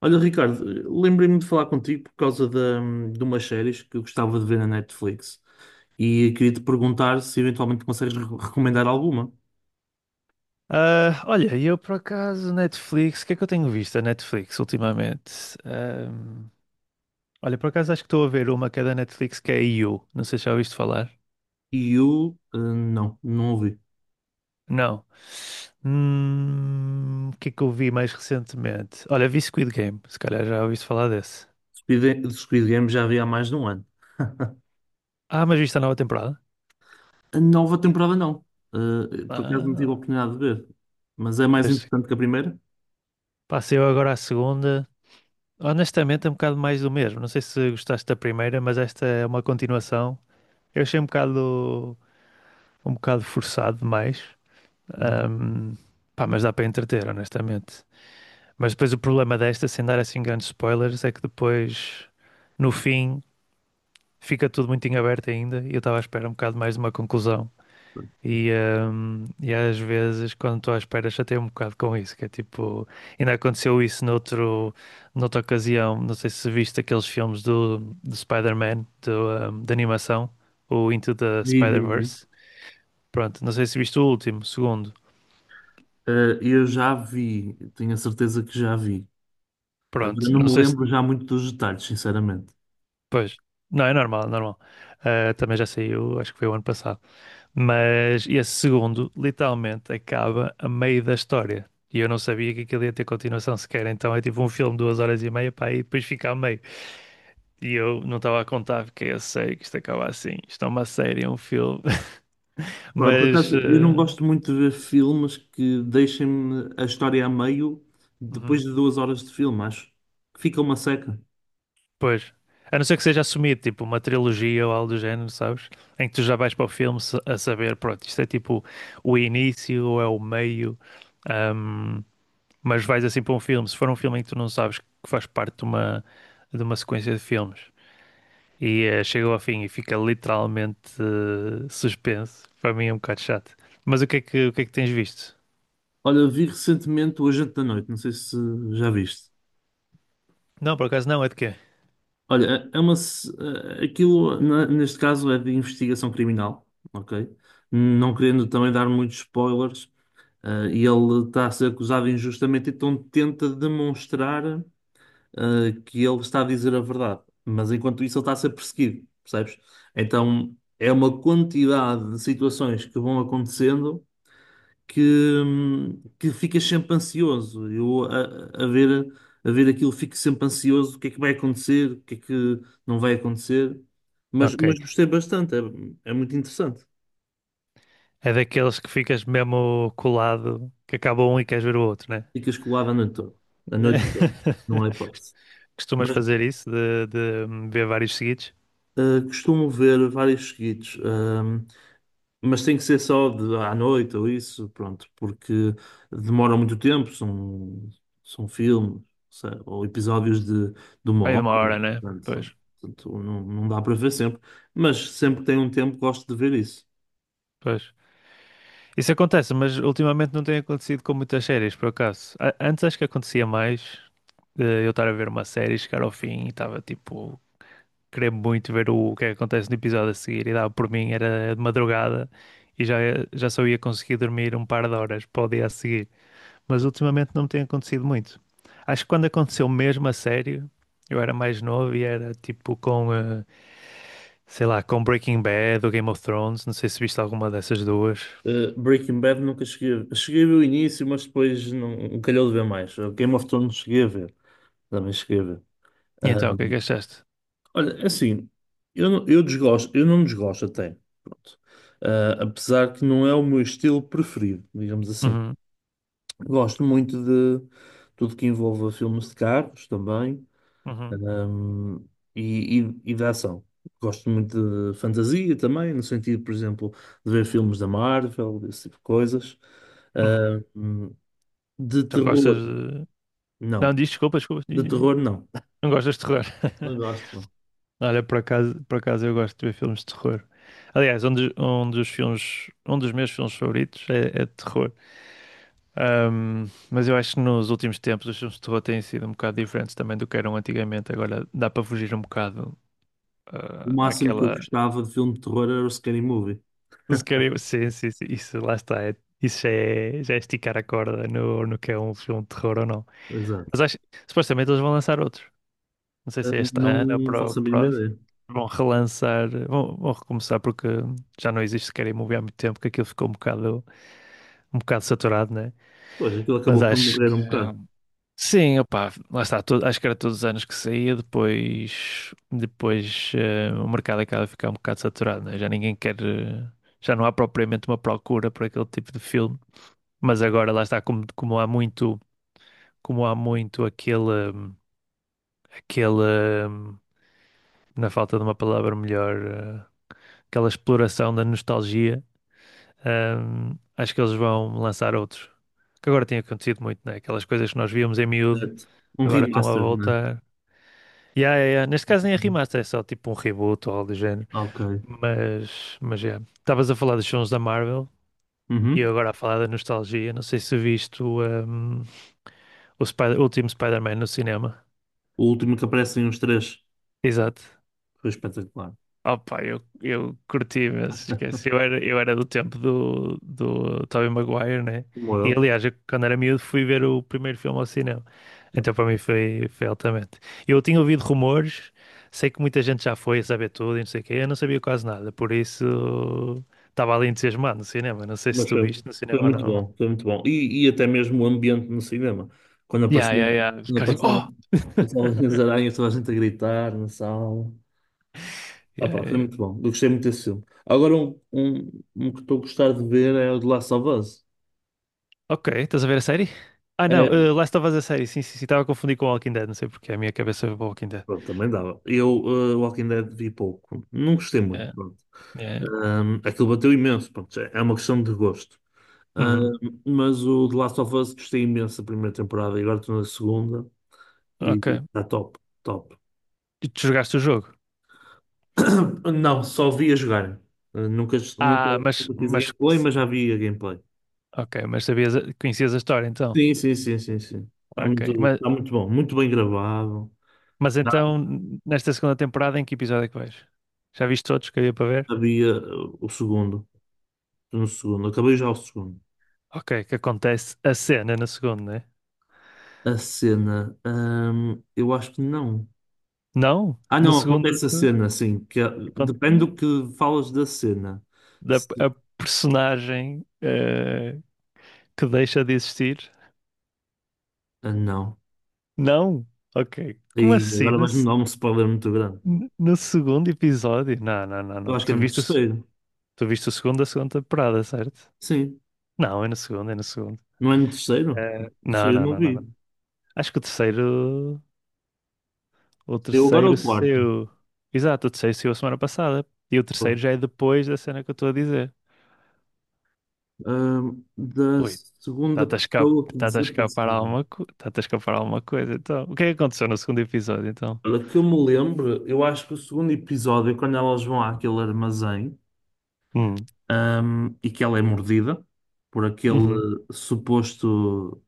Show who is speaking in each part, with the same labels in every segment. Speaker 1: Olha, Ricardo, lembrei-me de falar contigo por causa de umas séries que eu gostava de ver na Netflix e queria te perguntar se eventualmente consegues recomendar alguma.
Speaker 2: Ah, olha, e eu por acaso, Netflix, o que é que eu tenho visto a Netflix ultimamente? Ahm, Olha, por acaso acho que estou a ver uma que é da Netflix que é You, não sei se já ouviste falar.
Speaker 1: E eu, não, não ouvi.
Speaker 2: Não. O que é que eu vi mais recentemente? Olha, vi Squid Game, se calhar já ouviste falar desse.
Speaker 1: Squid Game já vi há mais de um ano.
Speaker 2: Ah, mas viste a nova temporada?
Speaker 1: A nova temporada não. Por acaso não tive
Speaker 2: Ah,
Speaker 1: a oportunidade de ver. Mas é mais
Speaker 2: pois,
Speaker 1: interessante que a primeira?
Speaker 2: passei eu agora à segunda. Honestamente, é um bocado mais do mesmo. Não sei se gostaste da primeira, mas esta é uma continuação. Eu achei um bocado forçado demais. Ahm, Pá, mas dá para entreter, honestamente. Mas depois o problema desta, sem dar assim grandes spoilers, é que depois, no fim, fica tudo muito em aberto ainda. E eu estava à espera um bocado mais de uma conclusão. E às vezes, quando estou à espera, chateio um bocado com isso. Que é tipo, ainda aconteceu isso noutro, noutra ocasião. Não sei se viste aqueles filmes do Spider-Man, do, de animação, o Into the
Speaker 1: Vi, vi, vi.
Speaker 2: Spider-Verse. Pronto, não sei se viste o último, o segundo.
Speaker 1: Eu já vi, tenho a certeza que já vi. Agora
Speaker 2: Pronto,
Speaker 1: não
Speaker 2: não
Speaker 1: me
Speaker 2: sei se.
Speaker 1: lembro já muito dos detalhes, sinceramente.
Speaker 2: Pois, não, é normal, é normal. Ah, também já saiu, acho que foi o ano passado. Mas esse segundo, literalmente, acaba a meio da história. E eu não sabia que aquilo ia ter continuação sequer. Então é tipo um filme de 2 horas e meia para aí depois fica a meio. E eu não estava a contar, porque eu sei que isto acaba assim. Isto é uma série, é um filme.
Speaker 1: Olha, por
Speaker 2: Mas.
Speaker 1: acaso, eu não
Speaker 2: Ah,
Speaker 1: gosto muito de ver filmes que deixem-me a história a meio depois
Speaker 2: uhum.
Speaker 1: de 2 horas de filme, acho. Fica uma seca.
Speaker 2: Pois. A não ser que seja assumido, tipo, uma trilogia ou algo do género, sabes? Em que tu já vais para o filme a saber, pronto, isto é tipo o início ou é o meio, ahm, mas vais assim para um filme. Se for um filme em que tu não sabes que faz parte de uma sequência de filmes e chega ao fim e fica literalmente suspenso, para mim é um bocado chato. Mas o que é que, o que é que tens visto?
Speaker 1: Olha, vi recentemente O Agente da Noite, não sei se já viste.
Speaker 2: Não, por acaso não, é de quê?
Speaker 1: Olha, é uma. Aquilo, neste caso, é de investigação criminal, ok? Não querendo também dar muitos spoilers, e ele está a ser acusado injustamente, então tenta demonstrar. Que ele está a dizer a verdade, mas enquanto isso ele está a ser perseguido, percebes? Então é uma quantidade de situações que vão acontecendo que ficas sempre ansioso. Eu a ver aquilo fico sempre ansioso, o que é que vai acontecer, o que é que não vai acontecer, mas,
Speaker 2: Ok.
Speaker 1: gostei bastante, é muito interessante.
Speaker 2: É daqueles que ficas mesmo colado, que acaba um e queres ver o outro, né?
Speaker 1: Ficas colado a noite toda, não há hipótese.
Speaker 2: Costumas
Speaker 1: Mas
Speaker 2: fazer isso de ver vários seguidos?
Speaker 1: costumo ver vários seguidos. Mas tem que ser só à noite ou isso, pronto, porque demora muito tempo, são, são filmes, ou episódios de uma
Speaker 2: Aí
Speaker 1: hora,
Speaker 2: de uma hora, né?
Speaker 1: portanto,
Speaker 2: Pois,
Speaker 1: não, dá para ver sempre, mas sempre que tenho um tempo gosto de ver isso.
Speaker 2: pois. Isso acontece, mas ultimamente não tem acontecido com muitas séries, por acaso. Antes acho que acontecia mais de eu estar a ver uma série, chegar ao fim e estava tipo, querer muito ver o que é que acontece no episódio a seguir e dava por mim, era de madrugada e já, já só ia conseguir dormir um par de horas para o dia a seguir. Mas ultimamente não me tem acontecido muito. Acho que quando aconteceu mesmo a sério, eu era mais novo e era tipo com. Sei lá, com Breaking Bad ou Game of Thrones, não sei se viste alguma dessas duas.
Speaker 1: Breaking Bad nunca cheguei a ver. Cheguei a ver o início, mas depois não, calhou de ver mais. Game of Thrones cheguei a ver, também cheguei a ver. Eh,
Speaker 2: E então, o que é que achaste?
Speaker 1: Olha, é assim, eu desgosto, eu não desgosto até, pronto. Ah, apesar que não é o meu estilo preferido, digamos assim.
Speaker 2: Uhum,
Speaker 1: Gosto muito de tudo que envolva filmes de carros também,
Speaker 2: uhum,
Speaker 1: ahm, e de ação. Gosto muito de fantasia também, no sentido, por exemplo, de ver filmes da Marvel, desse tipo de coisas.
Speaker 2: uhum.
Speaker 1: Ahm, de
Speaker 2: Então gostas
Speaker 1: terror,
Speaker 2: de... Não,
Speaker 1: não.
Speaker 2: diz desculpa, desculpa, diz,
Speaker 1: De
Speaker 2: diz, diz.
Speaker 1: terror, não.
Speaker 2: Não gostas de terror.
Speaker 1: Não gosto, não.
Speaker 2: Olha, por acaso eu gosto de ver filmes de terror. Aliás, um dos filmes, um dos meus filmes favoritos é, é de terror. Mas eu acho que nos últimos tempos os filmes de terror têm sido um bocado diferentes também do que eram antigamente. Agora dá para fugir um bocado
Speaker 1: O
Speaker 2: ah,
Speaker 1: máximo que eu
Speaker 2: àquela
Speaker 1: gostava de filme de terror era o Scary Movie.
Speaker 2: Os carimbos, sim, sim, sim, isso lá está. Isso já é esticar a corda no, no que é um filme de terror ou não.
Speaker 1: Exato.
Speaker 2: Mas acho, supostamente eles vão lançar outros. Não sei
Speaker 1: Ah,
Speaker 2: se é este ano ou
Speaker 1: não
Speaker 2: para o
Speaker 1: faço a mínima
Speaker 2: próximo.
Speaker 1: ideia.
Speaker 2: Vão relançar, vão, vão recomeçar porque já não existe Scary Movie há muito tempo, que aquilo ficou um bocado saturado, né?
Speaker 1: Pois, aquilo
Speaker 2: Mas
Speaker 1: acabou por
Speaker 2: acho
Speaker 1: morrer
Speaker 2: que
Speaker 1: um bocado.
Speaker 2: sim, opá, lá está, acho que era todos os anos que saía, depois, depois o mercado acaba a ficar um bocado saturado, né? Já ninguém quer, já não há propriamente uma procura por aquele tipo de filme, mas agora lá está, como, como há muito aquele, aquele, na falta de uma palavra melhor, aquela exploração da nostalgia, acho que eles vão lançar outros, que agora tem acontecido muito, né? Aquelas coisas que nós víamos em miúdo,
Speaker 1: Certo. Um
Speaker 2: agora estão à
Speaker 1: remaster, né?
Speaker 2: volta. Yeah, yeah, yeah. Neste caso nem é
Speaker 1: Uhum.
Speaker 2: remaster, é só tipo um reboot ou algo do género.
Speaker 1: Ok.
Speaker 2: Mas yeah. Estavas a falar dos filmes da Marvel e
Speaker 1: Uhum.
Speaker 2: eu agora a falar da nostalgia. Não sei se viste o, um, o o último Spider-Man no cinema.
Speaker 1: O último que aparecem os três
Speaker 2: Exato.
Speaker 1: foi espetacular.
Speaker 2: Opa, eu curti, mas esquece. Eu era do tempo do, do Tobey Maguire, né?
Speaker 1: Como
Speaker 2: E
Speaker 1: eu.
Speaker 2: aliás, eu, quando era miúdo fui ver o primeiro filme ao cinema. Então para mim foi, foi altamente. Eu tinha ouvido rumores, sei que muita gente já foi a saber tudo e não sei o quê, eu não sabia quase nada, por isso estava ali entusiasmado no cinema. Não sei se
Speaker 1: Mas
Speaker 2: tu
Speaker 1: foi,
Speaker 2: viste no cinema ou não.
Speaker 1: foi muito bom. E até mesmo o ambiente no cinema. Quando
Speaker 2: Yeah,
Speaker 1: apareceram,
Speaker 2: yeah, yeah. Os
Speaker 1: quando
Speaker 2: caras tipo, oh!
Speaker 1: apareceram o Salvador das Aranhas, toda a gente a gritar na sala. Ah,
Speaker 2: Yeah,
Speaker 1: pá,
Speaker 2: yeah,
Speaker 1: foi
Speaker 2: yeah.
Speaker 1: muito bom. Eu gostei muito desse filme. Agora, um que estou a gostar de ver é o de Last of Us.
Speaker 2: Ok, estás a ver a série? Ah não, Last of Us a série, sim, sim, sim, estava a confundir com Walking Dead, não sei porque a minha cabeça foi para Walking Dead.
Speaker 1: Pronto, também dava. Eu, Walking Dead, vi pouco. Não gostei muito,
Speaker 2: Yeah,
Speaker 1: pronto.
Speaker 2: yeah.
Speaker 1: Aquilo bateu imenso, pronto. É uma questão de gosto.
Speaker 2: Uhum.
Speaker 1: Mas o The Last of Us gostei imenso da primeira temporada e agora estou na segunda e
Speaker 2: Ok.
Speaker 1: está top, top.
Speaker 2: E tu jogaste o jogo?
Speaker 1: Não, só vi a jogar. Eh, nunca, nunca,
Speaker 2: Ah,
Speaker 1: Nunca fiz a
Speaker 2: mas,
Speaker 1: gameplay, mas já vi a gameplay.
Speaker 2: ok, mas sabias, conhecias a história então?
Speaker 1: Sim, sim, sim, sim, sim.
Speaker 2: Ok, mas
Speaker 1: Está muito bom, muito bem gravado.
Speaker 2: Mas
Speaker 1: Já
Speaker 2: então, nesta segunda temporada, em que episódio é que vais? Já viste todos que havia para ver?
Speaker 1: sabia o segundo. Estou no segundo. Acabei já o segundo.
Speaker 2: Ok, que acontece a cena na segunda, né?
Speaker 1: A cena, eu acho que não.
Speaker 2: Não,
Speaker 1: Ah,
Speaker 2: na
Speaker 1: não,
Speaker 2: segunda
Speaker 1: acontece a cena, sim.
Speaker 2: acon-
Speaker 1: Depende do que falas da cena.
Speaker 2: da
Speaker 1: Se-
Speaker 2: a personagem que deixa de existir.
Speaker 1: ah, não.
Speaker 2: Não, ok.
Speaker 1: E
Speaker 2: Como assim?
Speaker 1: agora vais-me dar um spoiler muito grande.
Speaker 2: No segundo episódio? Não, não, não,
Speaker 1: Eu
Speaker 2: não.
Speaker 1: acho que é
Speaker 2: Tu
Speaker 1: no
Speaker 2: viste o,
Speaker 1: terceiro.
Speaker 2: tu viste o segundo da segunda temporada, certo?
Speaker 1: Sim.
Speaker 2: Não, é no segundo, é no segundo.
Speaker 1: Não é no terceiro?
Speaker 2: Não,
Speaker 1: Terceiro eu
Speaker 2: não,
Speaker 1: não
Speaker 2: não, não,
Speaker 1: vi.
Speaker 2: não. Acho que o terceiro. O
Speaker 1: Eu agora é
Speaker 2: terceiro
Speaker 1: o quarto.
Speaker 2: saiu. Exato, o terceiro saiu a semana passada. E o terceiro
Speaker 1: Pronto.
Speaker 2: já é depois da cena que eu estou a dizer.
Speaker 1: Da
Speaker 2: Ui,
Speaker 1: segunda pessoa que
Speaker 2: está-te a escapar
Speaker 1: desapareceu.
Speaker 2: alguma, está-te a escapar alguma coisa. Então, o que é que aconteceu no segundo episódio, então?
Speaker 1: Olha, que eu me lembro, eu acho que o segundo episódio, quando elas vão àquele armazém.
Speaker 2: Hum,
Speaker 1: E que ela é mordida por aquele
Speaker 2: uhum,
Speaker 1: suposto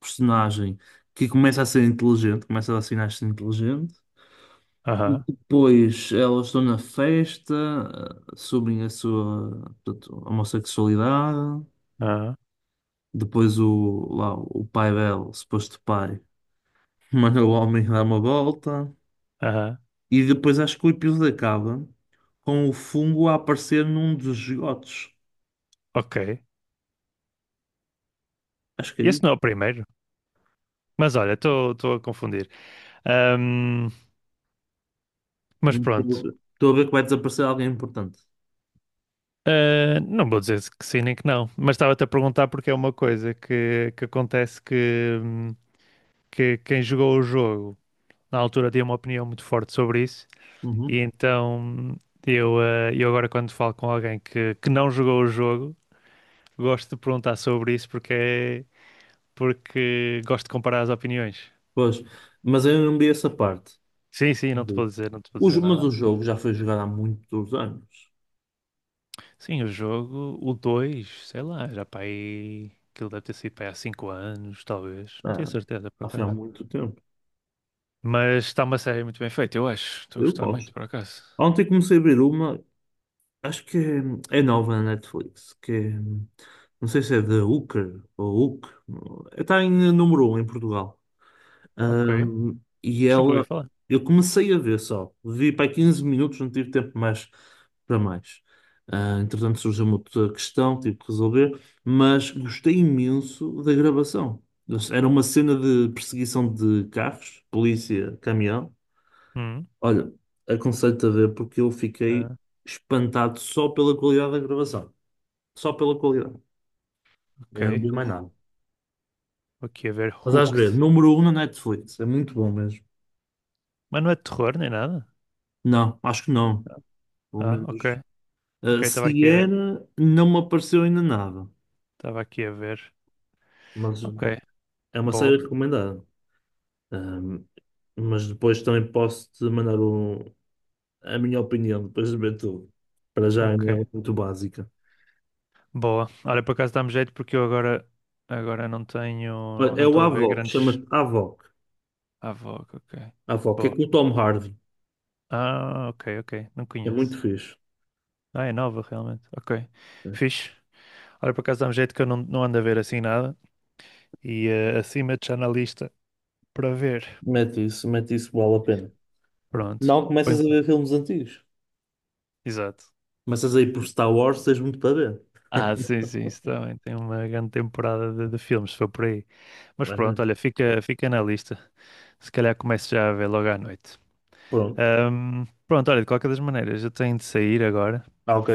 Speaker 1: personagem que começa a ser inteligente, começa a dar sinais de ser inteligente. E
Speaker 2: aham,
Speaker 1: depois elas estão na festa, assumem a sua, portanto, homossexualidade.
Speaker 2: aham,
Speaker 1: Depois o, lá, o pai dela, o suposto pai, manda o homem dar uma volta.
Speaker 2: aham,
Speaker 1: E depois acho que o episódio acaba com o fungo a aparecer num dos esgotos.
Speaker 2: ok.
Speaker 1: Acho que
Speaker 2: Esse
Speaker 1: é.
Speaker 2: não é o primeiro. Mas olha, estou a confundir. Ahm, mas
Speaker 1: Hum,
Speaker 2: pronto.
Speaker 1: Estou estou a ver que vai desaparecer alguém importante.
Speaker 2: Ah, não vou dizer que sim nem que não. Mas estava-te a perguntar porque é uma coisa que acontece que quem jogou o jogo. Na altura dei uma opinião muito forte sobre isso, e
Speaker 1: Uhum.
Speaker 2: então eu, eu agora quando falo com alguém que não jogou o jogo, gosto de perguntar sobre isso porque, porque gosto de comparar as opiniões.
Speaker 1: Pois, mas eu não vi essa parte.
Speaker 2: Sim, sim,
Speaker 1: Não
Speaker 2: não te vou
Speaker 1: vi.
Speaker 2: dizer, não te vou dizer
Speaker 1: Mas o
Speaker 2: nada.
Speaker 1: jogo já
Speaker 2: Mas-
Speaker 1: foi jogado há muitos anos.
Speaker 2: Sim, o jogo, o 2 sei lá, já para aí, aquilo deve ter sido para aí há 5 anos, talvez, não tenho
Speaker 1: Ah,
Speaker 2: certeza por
Speaker 1: já foi há
Speaker 2: acaso.
Speaker 1: muito tempo.
Speaker 2: Mas está uma série muito bem feita, eu acho. Estou a
Speaker 1: Eu
Speaker 2: gostar muito,
Speaker 1: gosto.
Speaker 2: por acaso.
Speaker 1: Ontem comecei a ver uma, acho que é nova na Netflix, que é, não sei se é The Hooker ou Hook. Está em número um em Portugal.
Speaker 2: Ok. Acho
Speaker 1: Ahm, e
Speaker 2: que nunca ouvi
Speaker 1: ela,
Speaker 2: falar.
Speaker 1: eu comecei a ver só, vi para aí 15 minutos, não tive tempo mais para mais. Ah, entretanto, surgiu uma outra questão, tive que resolver, mas gostei imenso da gravação. Era uma cena de perseguição de carros, polícia, caminhão.
Speaker 2: Hum.
Speaker 1: Olha, aconselho-te a ver porque eu fiquei
Speaker 2: Ah,
Speaker 1: espantado só pela qualidade da gravação. Só pela qualidade. Eu não
Speaker 2: ok.
Speaker 1: vi mais nada.
Speaker 2: Vou aqui a ver
Speaker 1: Mas às ver,
Speaker 2: Hooked.
Speaker 1: número um na Netflix. É muito bom mesmo.
Speaker 2: Mas não é de terror nem nada?
Speaker 1: Não, acho que não. Pelo
Speaker 2: Ah, ok.
Speaker 1: menos.
Speaker 2: Ok,
Speaker 1: Se era, não me apareceu ainda nada,
Speaker 2: estava aqui a ver.
Speaker 1: mas
Speaker 2: Ok,
Speaker 1: é uma série
Speaker 2: boa.
Speaker 1: recomendada. Um, mas depois também posso te mandar a minha opinião, depois de ver tudo. Para já
Speaker 2: Ok,
Speaker 1: ainda é muito básica.
Speaker 2: boa. Olha, por acaso dá-me jeito porque eu agora, agora não tenho,
Speaker 1: Olha,
Speaker 2: não
Speaker 1: é o
Speaker 2: estou a ver
Speaker 1: Avoc,
Speaker 2: grandes...
Speaker 1: chama-se Avoc.
Speaker 2: Ah, Vogue, ok.
Speaker 1: Avoc, é
Speaker 2: Boa.
Speaker 1: com o Tom Hardy,
Speaker 2: Ah, ok, ok. Não
Speaker 1: é muito
Speaker 2: conheço.
Speaker 1: fixe.
Speaker 2: Ah, é nova realmente. Ok, fixe. Olha, por acaso dá-me jeito que eu não, não ando a ver assim nada. E acima de já na lista para ver.
Speaker 1: Mete isso, vale a pena.
Speaker 2: Pronto.
Speaker 1: Não começas
Speaker 2: Põe-
Speaker 1: a ver filmes antigos,
Speaker 2: Exato.
Speaker 1: começas a ir por Star Wars, tens muito para ver.
Speaker 2: Ah, sim, sim, isso também tem uma grande temporada de filmes, se for por aí. Mas
Speaker 1: É
Speaker 2: pronto,
Speaker 1: mesmo.
Speaker 2: olha, fica, fica na lista. Se calhar começo já a ver logo à noite.
Speaker 1: Pronto,
Speaker 2: Pronto, olha, de qualquer das maneiras, eu tenho de sair agora.
Speaker 1: ah, ok,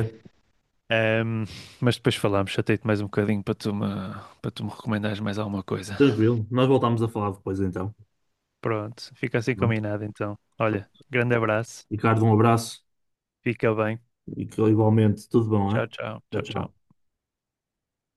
Speaker 2: Ahm, mas depois falamos, chatei-te mais um bocadinho para tu me recomendares mais alguma coisa.
Speaker 1: tranquilo. Nós voltamos a falar depois então.
Speaker 2: Pronto, fica assim
Speaker 1: Tá
Speaker 2: combinado então.
Speaker 1: bem?
Speaker 2: Olha, grande abraço,
Speaker 1: Ricardo, um abraço
Speaker 2: fica bem.
Speaker 1: e que igualmente tudo bom,
Speaker 2: Tchau,
Speaker 1: hein?
Speaker 2: tchau,
Speaker 1: Tchau,
Speaker 2: tchau,
Speaker 1: tchau.
Speaker 2: tchau.